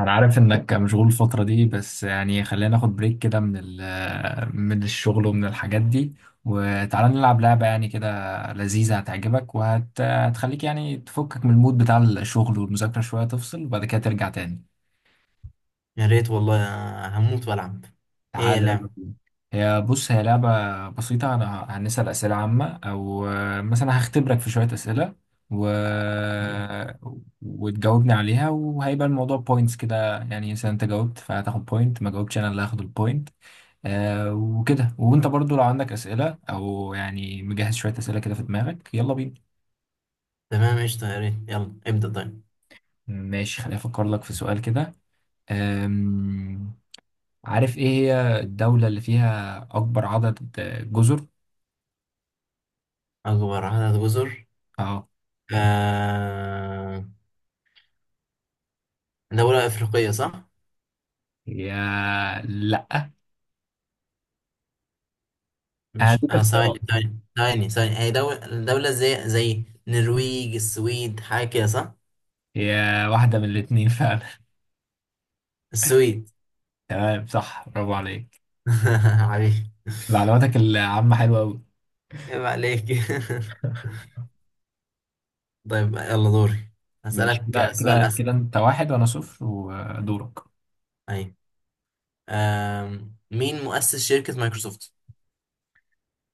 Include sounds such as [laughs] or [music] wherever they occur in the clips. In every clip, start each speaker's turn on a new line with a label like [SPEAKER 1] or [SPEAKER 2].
[SPEAKER 1] انا عارف انك مشغول الفترة دي، بس يعني خلينا ناخد بريك كده من الشغل ومن الحاجات دي. وتعالى نلعب لعبة يعني كده لذيذة، هتعجبك وهتخليك يعني تفكك من المود بتاع الشغل والمذاكرة شوية، تفصل وبعد كده ترجع تاني.
[SPEAKER 2] يا ريت والله. أنا هموت والعب. ايه
[SPEAKER 1] تعالى يلا
[SPEAKER 2] اللعب؟
[SPEAKER 1] بينا. هي بص هي لعبة بسيطة، أنا هنسأل أسئلة عامة أو مثلا هختبرك في شوية أسئلة و... وتجاوبني عليها، وهيبقى الموضوع بوينتس كده، يعني مثلا أنت جاوبت فهتاخد بوينت، ما جاوبتش أنا اللي هاخد البوينت. وكده. وانت برضو لو عندك اسئله او يعني مجهز شويه اسئله كده في دماغك، يلا بينا.
[SPEAKER 2] تمام قشطة، يا ريت، يلا ابدأ طيب.
[SPEAKER 1] ماشي، خليني افكر لك في سؤال كده. آم، عارف ايه هي الدوله اللي فيها اكبر عدد جزر؟
[SPEAKER 2] اكبر عدد جزر؟
[SPEAKER 1] اه.
[SPEAKER 2] آه... دولة افريقية صح؟
[SPEAKER 1] يا لا
[SPEAKER 2] مش
[SPEAKER 1] هديك
[SPEAKER 2] ثواني
[SPEAKER 1] اختيارات.
[SPEAKER 2] ثواني ثواني ثواني، هي دولة. دولة زي النرويج، السويد، حاجة كده صح؟
[SPEAKER 1] يا واحده من الاثنين فعلا.
[SPEAKER 2] السويد.
[SPEAKER 1] [laughs] تمام، صح، برافو عليك.
[SPEAKER 2] [laughs] عليك.
[SPEAKER 1] معلوماتك العامه حلوه قوي.
[SPEAKER 2] عيب عليك. [laughs]
[SPEAKER 1] [laughs]
[SPEAKER 2] طيب يلا دوري.
[SPEAKER 1] ماشي، كده
[SPEAKER 2] هسألك سؤال
[SPEAKER 1] كده
[SPEAKER 2] أسهل.
[SPEAKER 1] كده انت واحد وانا صفر، ودورك.
[SPEAKER 2] أيوة. مين مؤسس شركة مايكروسوفت؟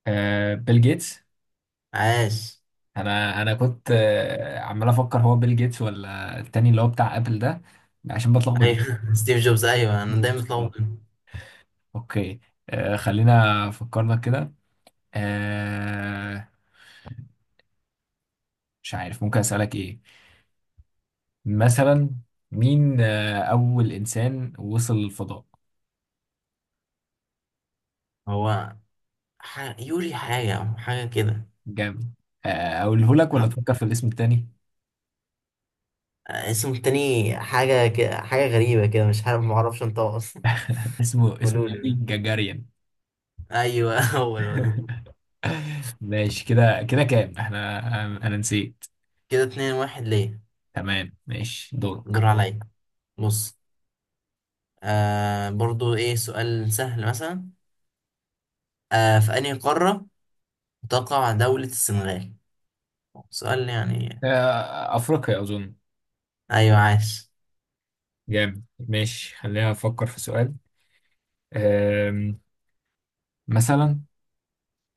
[SPEAKER 1] بيل جيتس.
[SPEAKER 2] عاش.
[SPEAKER 1] انا كنت عمال افكر هو بيل جيتس ولا التاني اللي هو بتاع ابل ده، عشان بتلخبط.
[SPEAKER 2] ايوه [laughs] ستيف جوبز، ايوه انا دايما
[SPEAKER 1] آه،
[SPEAKER 2] بتلخبط بينهم.
[SPEAKER 1] اوكي. خلينا فكرنا كده. آه، مش عارف ممكن اسالك ايه. مثلا مين اول انسان وصل للفضاء؟
[SPEAKER 2] هو يوري حاجه كده
[SPEAKER 1] جامد. اقوله لك ولا
[SPEAKER 2] صح؟
[SPEAKER 1] تفكر في الاسم التاني؟
[SPEAKER 2] اسمه التاني حاجه كده، حاجه غريبه كده، مش عارف، معرفش انطقه اصلا.
[SPEAKER 1] [laughs] اسمه
[SPEAKER 2] [laughs]
[SPEAKER 1] اسمه
[SPEAKER 2] قولوا
[SPEAKER 1] يوري
[SPEAKER 2] لي.
[SPEAKER 1] جاجاريان.
[SPEAKER 2] ايوه [laughs] هو الولد.
[SPEAKER 1] [laughs] ماشي، كده كده كام احنا؟ انا نسيت.
[SPEAKER 2] كده اتنين واحد ليه.
[SPEAKER 1] تمام ماشي،
[SPEAKER 2] دور
[SPEAKER 1] دورك.
[SPEAKER 2] عليا. بص، آه برضو، ايه سؤال سهل مثلا. آه، في انهي قاره تقع دوله السنغال؟ سؤال يعني.
[SPEAKER 1] أفريقيا أظن.
[SPEAKER 2] ايوه عاش.
[SPEAKER 1] جامد، ماشي، خلينا أفكر في سؤال. آم، مثلا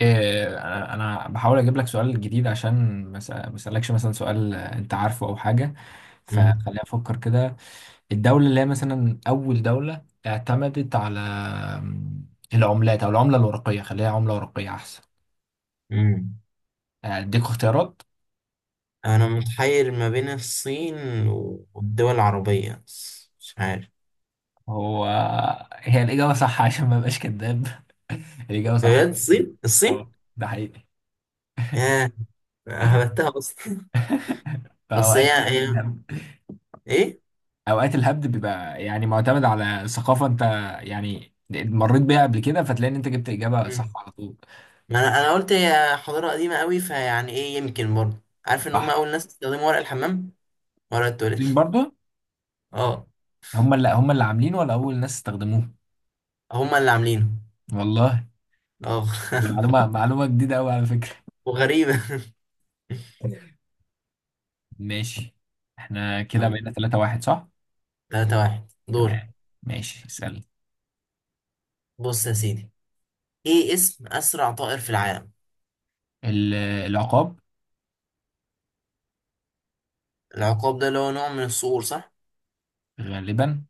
[SPEAKER 1] آه، أنا بحاول أجيب لك سؤال جديد عشان ما أسألكش مثلا سؤال أنت عارفه أو حاجة.
[SPEAKER 2] مم.
[SPEAKER 1] فخلينا أفكر كده. الدولة اللي هي مثلا أول دولة اعتمدت على العملات، أو العملة الورقية، خليها عملة ورقية أحسن.
[SPEAKER 2] مم.
[SPEAKER 1] أديك اختيارات.
[SPEAKER 2] أنا متحير ما بين الصين والدول العربية، مش عارف.
[SPEAKER 1] هو هي الإجابة صح عشان ما أبقاش كذاب. [laughs] الإجابة صح.
[SPEAKER 2] بجد الصين؟ الصين.
[SPEAKER 1] اه، ده حقيقي.
[SPEAKER 2] ياه، هبتها أصلا. [laughs] أصل
[SPEAKER 1] فأوقات
[SPEAKER 2] هي. هي-
[SPEAKER 1] الهبد
[SPEAKER 2] إيه.
[SPEAKER 1] أوقات الهبد بيبقى يعني معتمد على ثقافة. أنت يعني مريت بيها قبل كده فتلاقي إن أنت جبت إجابة صح
[SPEAKER 2] مم.
[SPEAKER 1] على طول.
[SPEAKER 2] ما أنا قلت هي حضارة قديمة أوي، فيعني إيه يمكن برضه. عارف إن هما
[SPEAKER 1] صح.
[SPEAKER 2] أول ناس استخدموا ورق الحمام، ورق التواليت.
[SPEAKER 1] مين برضو؟
[SPEAKER 2] أه.
[SPEAKER 1] هم اللي عاملين ولا أول ناس استخدموه؟
[SPEAKER 2] هما اللي عاملينه.
[SPEAKER 1] والله،
[SPEAKER 2] أه.
[SPEAKER 1] معلومة جديدة أوي على فكرة.
[SPEAKER 2] [laughs] وغريبة. [laughs]
[SPEAKER 1] ماشي. احنا كده
[SPEAKER 2] يلا،
[SPEAKER 1] بقينا 3-1 صح؟
[SPEAKER 2] تلاتة واحد دوري.
[SPEAKER 1] تمام، ماشي، اسأل.
[SPEAKER 2] بص يا سيدي، إيه اسم أسرع طائر في العالم؟
[SPEAKER 1] العقاب.
[SPEAKER 2] العقاب ده اللي هو نوع من الصقور صح؟
[SPEAKER 1] غالبا.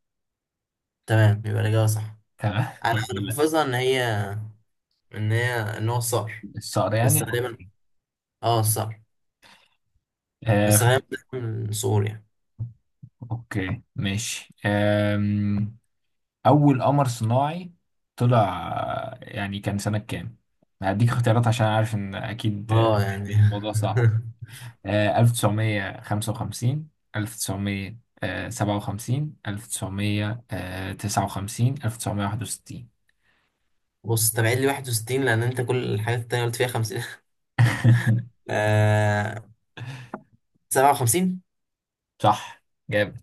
[SPEAKER 2] تمام، يبقى الإجابة صح.
[SPEAKER 1] تمام [laughs]
[SPEAKER 2] انا
[SPEAKER 1] الحمد
[SPEAKER 2] انا
[SPEAKER 1] لله.
[SPEAKER 2] حافظها ان هي، ان هو صقر.
[SPEAKER 1] الصقر
[SPEAKER 2] بس
[SPEAKER 1] يعني،
[SPEAKER 2] غالبا،
[SPEAKER 1] أوكي.
[SPEAKER 2] اه صقر.
[SPEAKER 1] آه،
[SPEAKER 2] بس غالبا بيكون صقور يعني.
[SPEAKER 1] اوكي ماشي. اول قمر صناعي طلع يعني كان سنة كام؟ هديك اختيارات عشان عارف ان اكيد
[SPEAKER 2] اه يعني.
[SPEAKER 1] الموضوع صعب. 1955، 1957، 1959، 1961.
[SPEAKER 2] [laughs] بص، تبعيد لي 61، لان انت كل الحاجات التانية قلت فيها 50. [laughs]
[SPEAKER 1] [laughs]
[SPEAKER 2] آه، 57.
[SPEAKER 1] صح. جامد.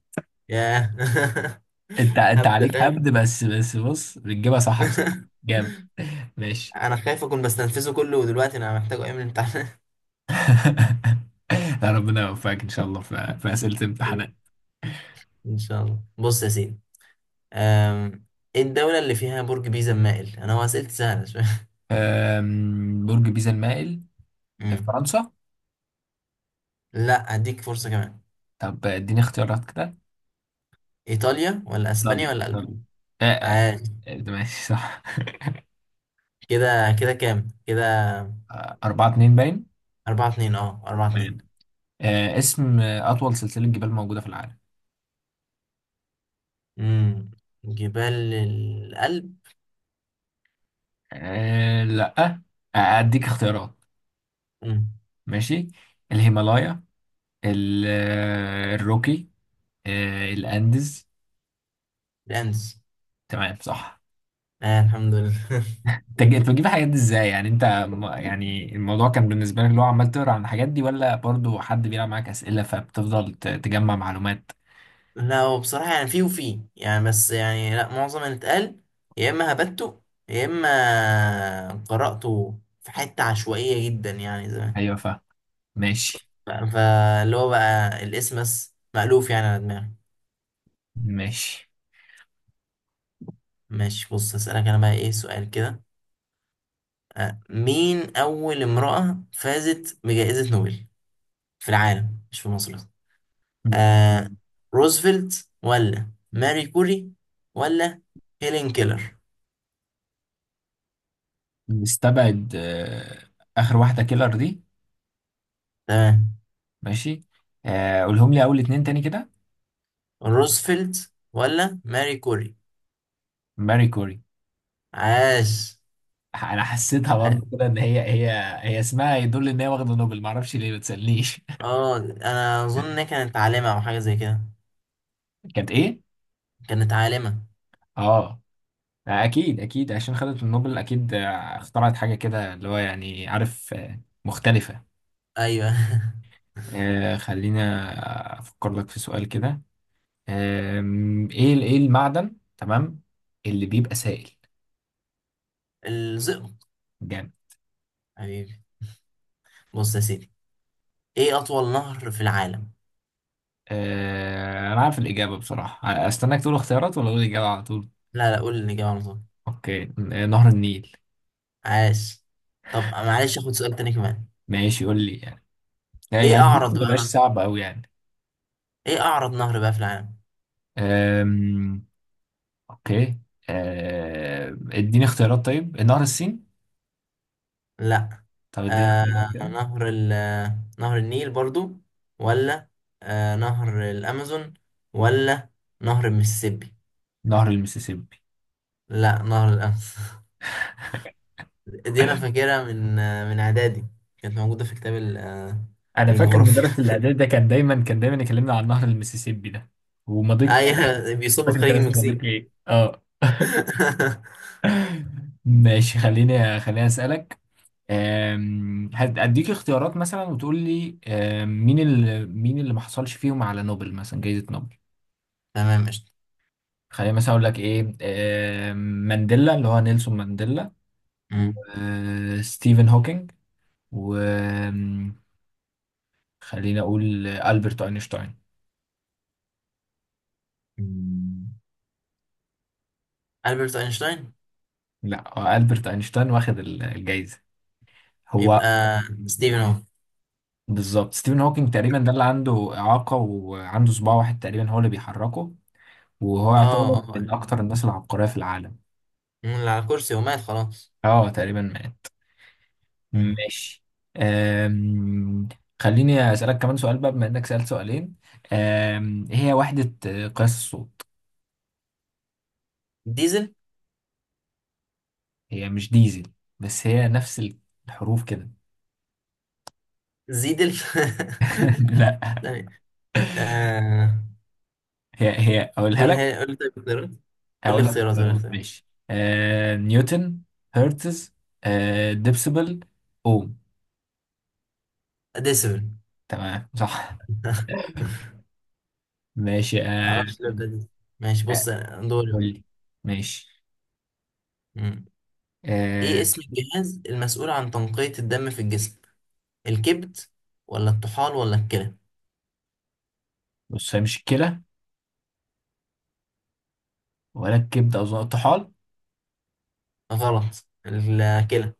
[SPEAKER 2] ياه. [laughs]
[SPEAKER 1] انت
[SPEAKER 2] هبد
[SPEAKER 1] عليك
[SPEAKER 2] خام.
[SPEAKER 1] هبد بس، بس بص بتجيبها صح بصراحة.
[SPEAKER 2] [laughs]
[SPEAKER 1] جامد. [laughs] ماشي.
[SPEAKER 2] انا خايف اكون بستنفذه كله ودلوقتي انا محتاجه ايام الامتحان.
[SPEAKER 1] [laughs] لا، ربنا يوفقك ان شاء الله في اسئله الامتحانات.
[SPEAKER 2] [laughs] ان شاء الله. بص يا سيدي، آم، ايه الدولة اللي فيها برج بيزا مائل؟ انا هو اسئلتي سهلة شوية. [laughs]
[SPEAKER 1] برج بيزا المائل؟
[SPEAKER 2] أمم.
[SPEAKER 1] فرنسا.
[SPEAKER 2] لا، اديك فرصة كمان.
[SPEAKER 1] طب اديني اختيارات كده.
[SPEAKER 2] ايطاليا ولا اسبانيا
[SPEAKER 1] ايطالي،
[SPEAKER 2] ولا المانيا؟
[SPEAKER 1] ايطالي. آه، آه،
[SPEAKER 2] عادي.
[SPEAKER 1] ماشي صح.
[SPEAKER 2] كده كده كام كده؟
[SPEAKER 1] أربعة اتنين باين.
[SPEAKER 2] أربعة اتنين، اه أربعة اتنين.
[SPEAKER 1] تمام. اسم أطول سلسلة جبال موجودة في العالم؟
[SPEAKER 2] امم. جبال الألب.
[SPEAKER 1] لأ. أديك اختيارات.
[SPEAKER 2] امم.
[SPEAKER 1] ماشي. الهيمالايا. الروكي. الأنديز.
[SPEAKER 2] الأندز.
[SPEAKER 1] تمام صح.
[SPEAKER 2] آه الحمد لله.
[SPEAKER 1] أنت بتجيب الحاجات دي ازاي؟ يعني يعني الموضوع كان بالنسبة لك اللي هو عمال تقرا عن الحاجات دي، ولا برضو حد بيلعب معاك أسئلة فبتفضل تجمع معلومات؟
[SPEAKER 2] [laughs] لا، هو بصراحة يعني فيه وفيه يعني، بس يعني لا، معظم اللي اتقال يا إما هبته، يا إما قرأته في حتة عشوائية جدا يعني زمان.
[SPEAKER 1] ايوه، فاهم. ماشي.
[SPEAKER 2] فاللي هو بقى الاسم بس مألوف يعني على دماغي.
[SPEAKER 1] ماشي.
[SPEAKER 2] ماشي، بص، هسألك أنا بقى إيه سؤال كده. مين أول امرأة فازت بجائزة نوبل في العالم، مش في مصر بس؟ آه،
[SPEAKER 1] م-
[SPEAKER 2] روزفلت ولا ماري كوري ولا هيلين كيلر؟
[SPEAKER 1] نستبعد آخر واحدة كيلر دي.
[SPEAKER 2] تمام.
[SPEAKER 1] ماشي. قولهم لي أول اتنين تاني كده.
[SPEAKER 2] روزفلت ولا ماري كوري؟
[SPEAKER 1] ماري كوري.
[SPEAKER 2] عاش.
[SPEAKER 1] [laughs] أنا حسيتها برضه كده إن هي. هي اسمها يدل إن هي واخدة نوبل، معرفش ليه ما تسألنيش. [laughs]
[SPEAKER 2] اه انا اظن انها كانت عالمة او حاجة زي كده.
[SPEAKER 1] كانت إيه؟
[SPEAKER 2] كانت عالمة.
[SPEAKER 1] آه، أكيد أكيد عشان خدت النوبل، أكيد اخترعت حاجة كده اللي هو يعني عارف مختلفة.
[SPEAKER 2] ايوه. [laughs]
[SPEAKER 1] خلينا أفكر لك في سؤال كده. إيه المعدن، تمام، اللي بيبقى سائل؟
[SPEAKER 2] الزئبق.
[SPEAKER 1] جامد.
[SPEAKER 2] حبيبي. بص يا سيدي، ايه اطول نهر في العالم؟
[SPEAKER 1] انا عارف الاجابه بصراحه، استناك تقول اختيارات ولا اقول الاجابه على طول؟
[SPEAKER 2] لا لا، قول الاجابة على طول.
[SPEAKER 1] اوكي نهر النيل.
[SPEAKER 2] عاش. طب معلش، اخد سؤال تاني كمان.
[SPEAKER 1] ماشي، قول لي يعني
[SPEAKER 2] ايه
[SPEAKER 1] يعني ممكن
[SPEAKER 2] اعرض
[SPEAKER 1] ما
[SPEAKER 2] بقى
[SPEAKER 1] يبقاش
[SPEAKER 2] انا،
[SPEAKER 1] صعب قوي يعني.
[SPEAKER 2] ايه اعرض نهر بقى في العالم؟
[SPEAKER 1] آم، اوكي. اديني اختيارات طيب، نهر السين؟
[SPEAKER 2] لا.
[SPEAKER 1] طب اديني
[SPEAKER 2] آه،
[SPEAKER 1] اختيارات كده.
[SPEAKER 2] نهر ال نهر النيل برضو، ولا نهر الامازون، ولا نهر المسيسيبي؟
[SPEAKER 1] نهر المسيسيبي.
[SPEAKER 2] لا، نهر الامازون. [laughs] دي انا فاكرها من من اعدادي. كانت موجوده في كتاب
[SPEAKER 1] انا فاكر مدرس
[SPEAKER 2] الجغرافيا.
[SPEAKER 1] الاعداد ده كان دايما يكلمنا عن نهر المسيسيبي ده،
[SPEAKER 2] [laughs]
[SPEAKER 1] ومضيق.
[SPEAKER 2] ايوه،
[SPEAKER 1] مش
[SPEAKER 2] بيصب في
[SPEAKER 1] فاكر كان
[SPEAKER 2] خليج
[SPEAKER 1] اسمه
[SPEAKER 2] المكسيك.
[SPEAKER 1] مضيق ايه، اه.
[SPEAKER 2] [laughs]
[SPEAKER 1] [laughs] ماشي، خليني اسالك. هديك اختيارات مثلا وتقول لي، مين اللي ما حصلش فيهم على نوبل، مثلا جائزة نوبل.
[SPEAKER 2] تمام قشطة.
[SPEAKER 1] خلينا مثلا اقول لك ايه. أم، مانديلا اللي هو نيلسون مانديلا،
[SPEAKER 2] مم.
[SPEAKER 1] وستيفن هوكينج، وخلينا اقول ألبرت اينشتاين.
[SPEAKER 2] مم. ألبرت أينشتاين.
[SPEAKER 1] لا، هو ألبرت اينشتاين واخد الجائزة. هو
[SPEAKER 2] يبقى ستيفن هوكينج.
[SPEAKER 1] بالظبط ستيفن هوكينج. تقريبا ده اللي عنده إعاقة وعنده صباع واحد تقريبا هو اللي بيحركه، وهو
[SPEAKER 2] اه
[SPEAKER 1] يعتبر
[SPEAKER 2] اه،
[SPEAKER 1] من اكتر الناس العبقرية في العالم.
[SPEAKER 2] اللي على كرسي ومات خلاص.
[SPEAKER 1] اه، تقريبا مات.
[SPEAKER 2] مم.
[SPEAKER 1] ماشي. أم... خليني أسألك كمان سؤال بقى بما إنك سألت سؤالين. إيه هي وحدة قياس الصوت؟
[SPEAKER 2] ديزل.
[SPEAKER 1] هي مش ديزل، بس هي نفس الحروف كده.
[SPEAKER 2] زيد الف.
[SPEAKER 1] [laughs]
[SPEAKER 2] [laughs]
[SPEAKER 1] لا.
[SPEAKER 2] ثانية. آه...
[SPEAKER 1] هي أقولها لك.
[SPEAKER 2] قولها، قول لي طيب اختيارات. قول لي
[SPEAKER 1] هقول لك
[SPEAKER 2] اختيارات. قول لي
[SPEAKER 1] اختيارات،
[SPEAKER 2] اختيارات.
[SPEAKER 1] ماشي نيوتن، هرتز، ديبسيبل، أوم.
[SPEAKER 2] ديسبل.
[SPEAKER 1] تمام صح.
[SPEAKER 2] [laughs]
[SPEAKER 1] ماشي
[SPEAKER 2] معرفش ليه بتاع ديسبل. ماشي
[SPEAKER 1] آه،
[SPEAKER 2] بص، دوري
[SPEAKER 1] قول لي،
[SPEAKER 2] بقى.
[SPEAKER 1] ماشي
[SPEAKER 2] مم. ايه
[SPEAKER 1] أه...
[SPEAKER 2] اسم الجهاز المسؤول عن تنقية الدم في الجسم؟ الكبد ولا الطحال ولا الكلى؟
[SPEAKER 1] بص هي مش الكلى، ولا الكبدة، أظن الطحال.
[SPEAKER 2] غلط، الكلى.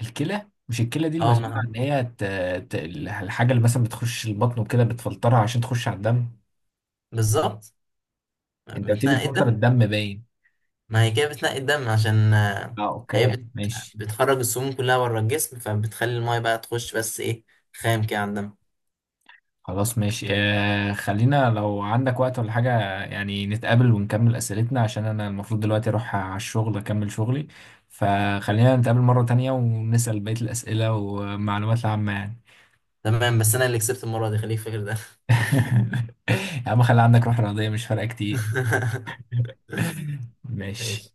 [SPEAKER 1] الكلى، مش الكلى دي
[SPEAKER 2] اه
[SPEAKER 1] المسؤولة عن
[SPEAKER 2] ما.
[SPEAKER 1] ان هي الحاجة اللي مثلا بتخش البطن وكده بتفلترها عشان تخش على الدم.
[SPEAKER 2] بالظبط.
[SPEAKER 1] انت قلت لي بتفلتر
[SPEAKER 2] متنقي.
[SPEAKER 1] الدم باين.
[SPEAKER 2] ما هي كده بتنقي الدم عشان
[SPEAKER 1] اه،
[SPEAKER 2] هي
[SPEAKER 1] اوكي ماشي.
[SPEAKER 2] بتخرج السموم كلها بره الجسم، فبتخلي المايه بقى تخش بس ايه، خام كده على الدم.
[SPEAKER 1] خلاص، ماشي خلينا لو عندك وقت ولا حاجة يعني، نتقابل ونكمل أسئلتنا عشان أنا المفروض دلوقتي أروح على الشغل أكمل شغلي. فخلينا نتقابل مرة تانية ونسأل بقية الأسئلة والمعلومات العامة يعني.
[SPEAKER 2] تمام، بس انا اللي كسبت المره دي، خليك فاكر ده.
[SPEAKER 1] [laughs] يا عم خلي عندك روح رياضية، مش فارقة كتير. [laughs]
[SPEAKER 2] [laughs]
[SPEAKER 1] ماشي.
[SPEAKER 2] ماشي.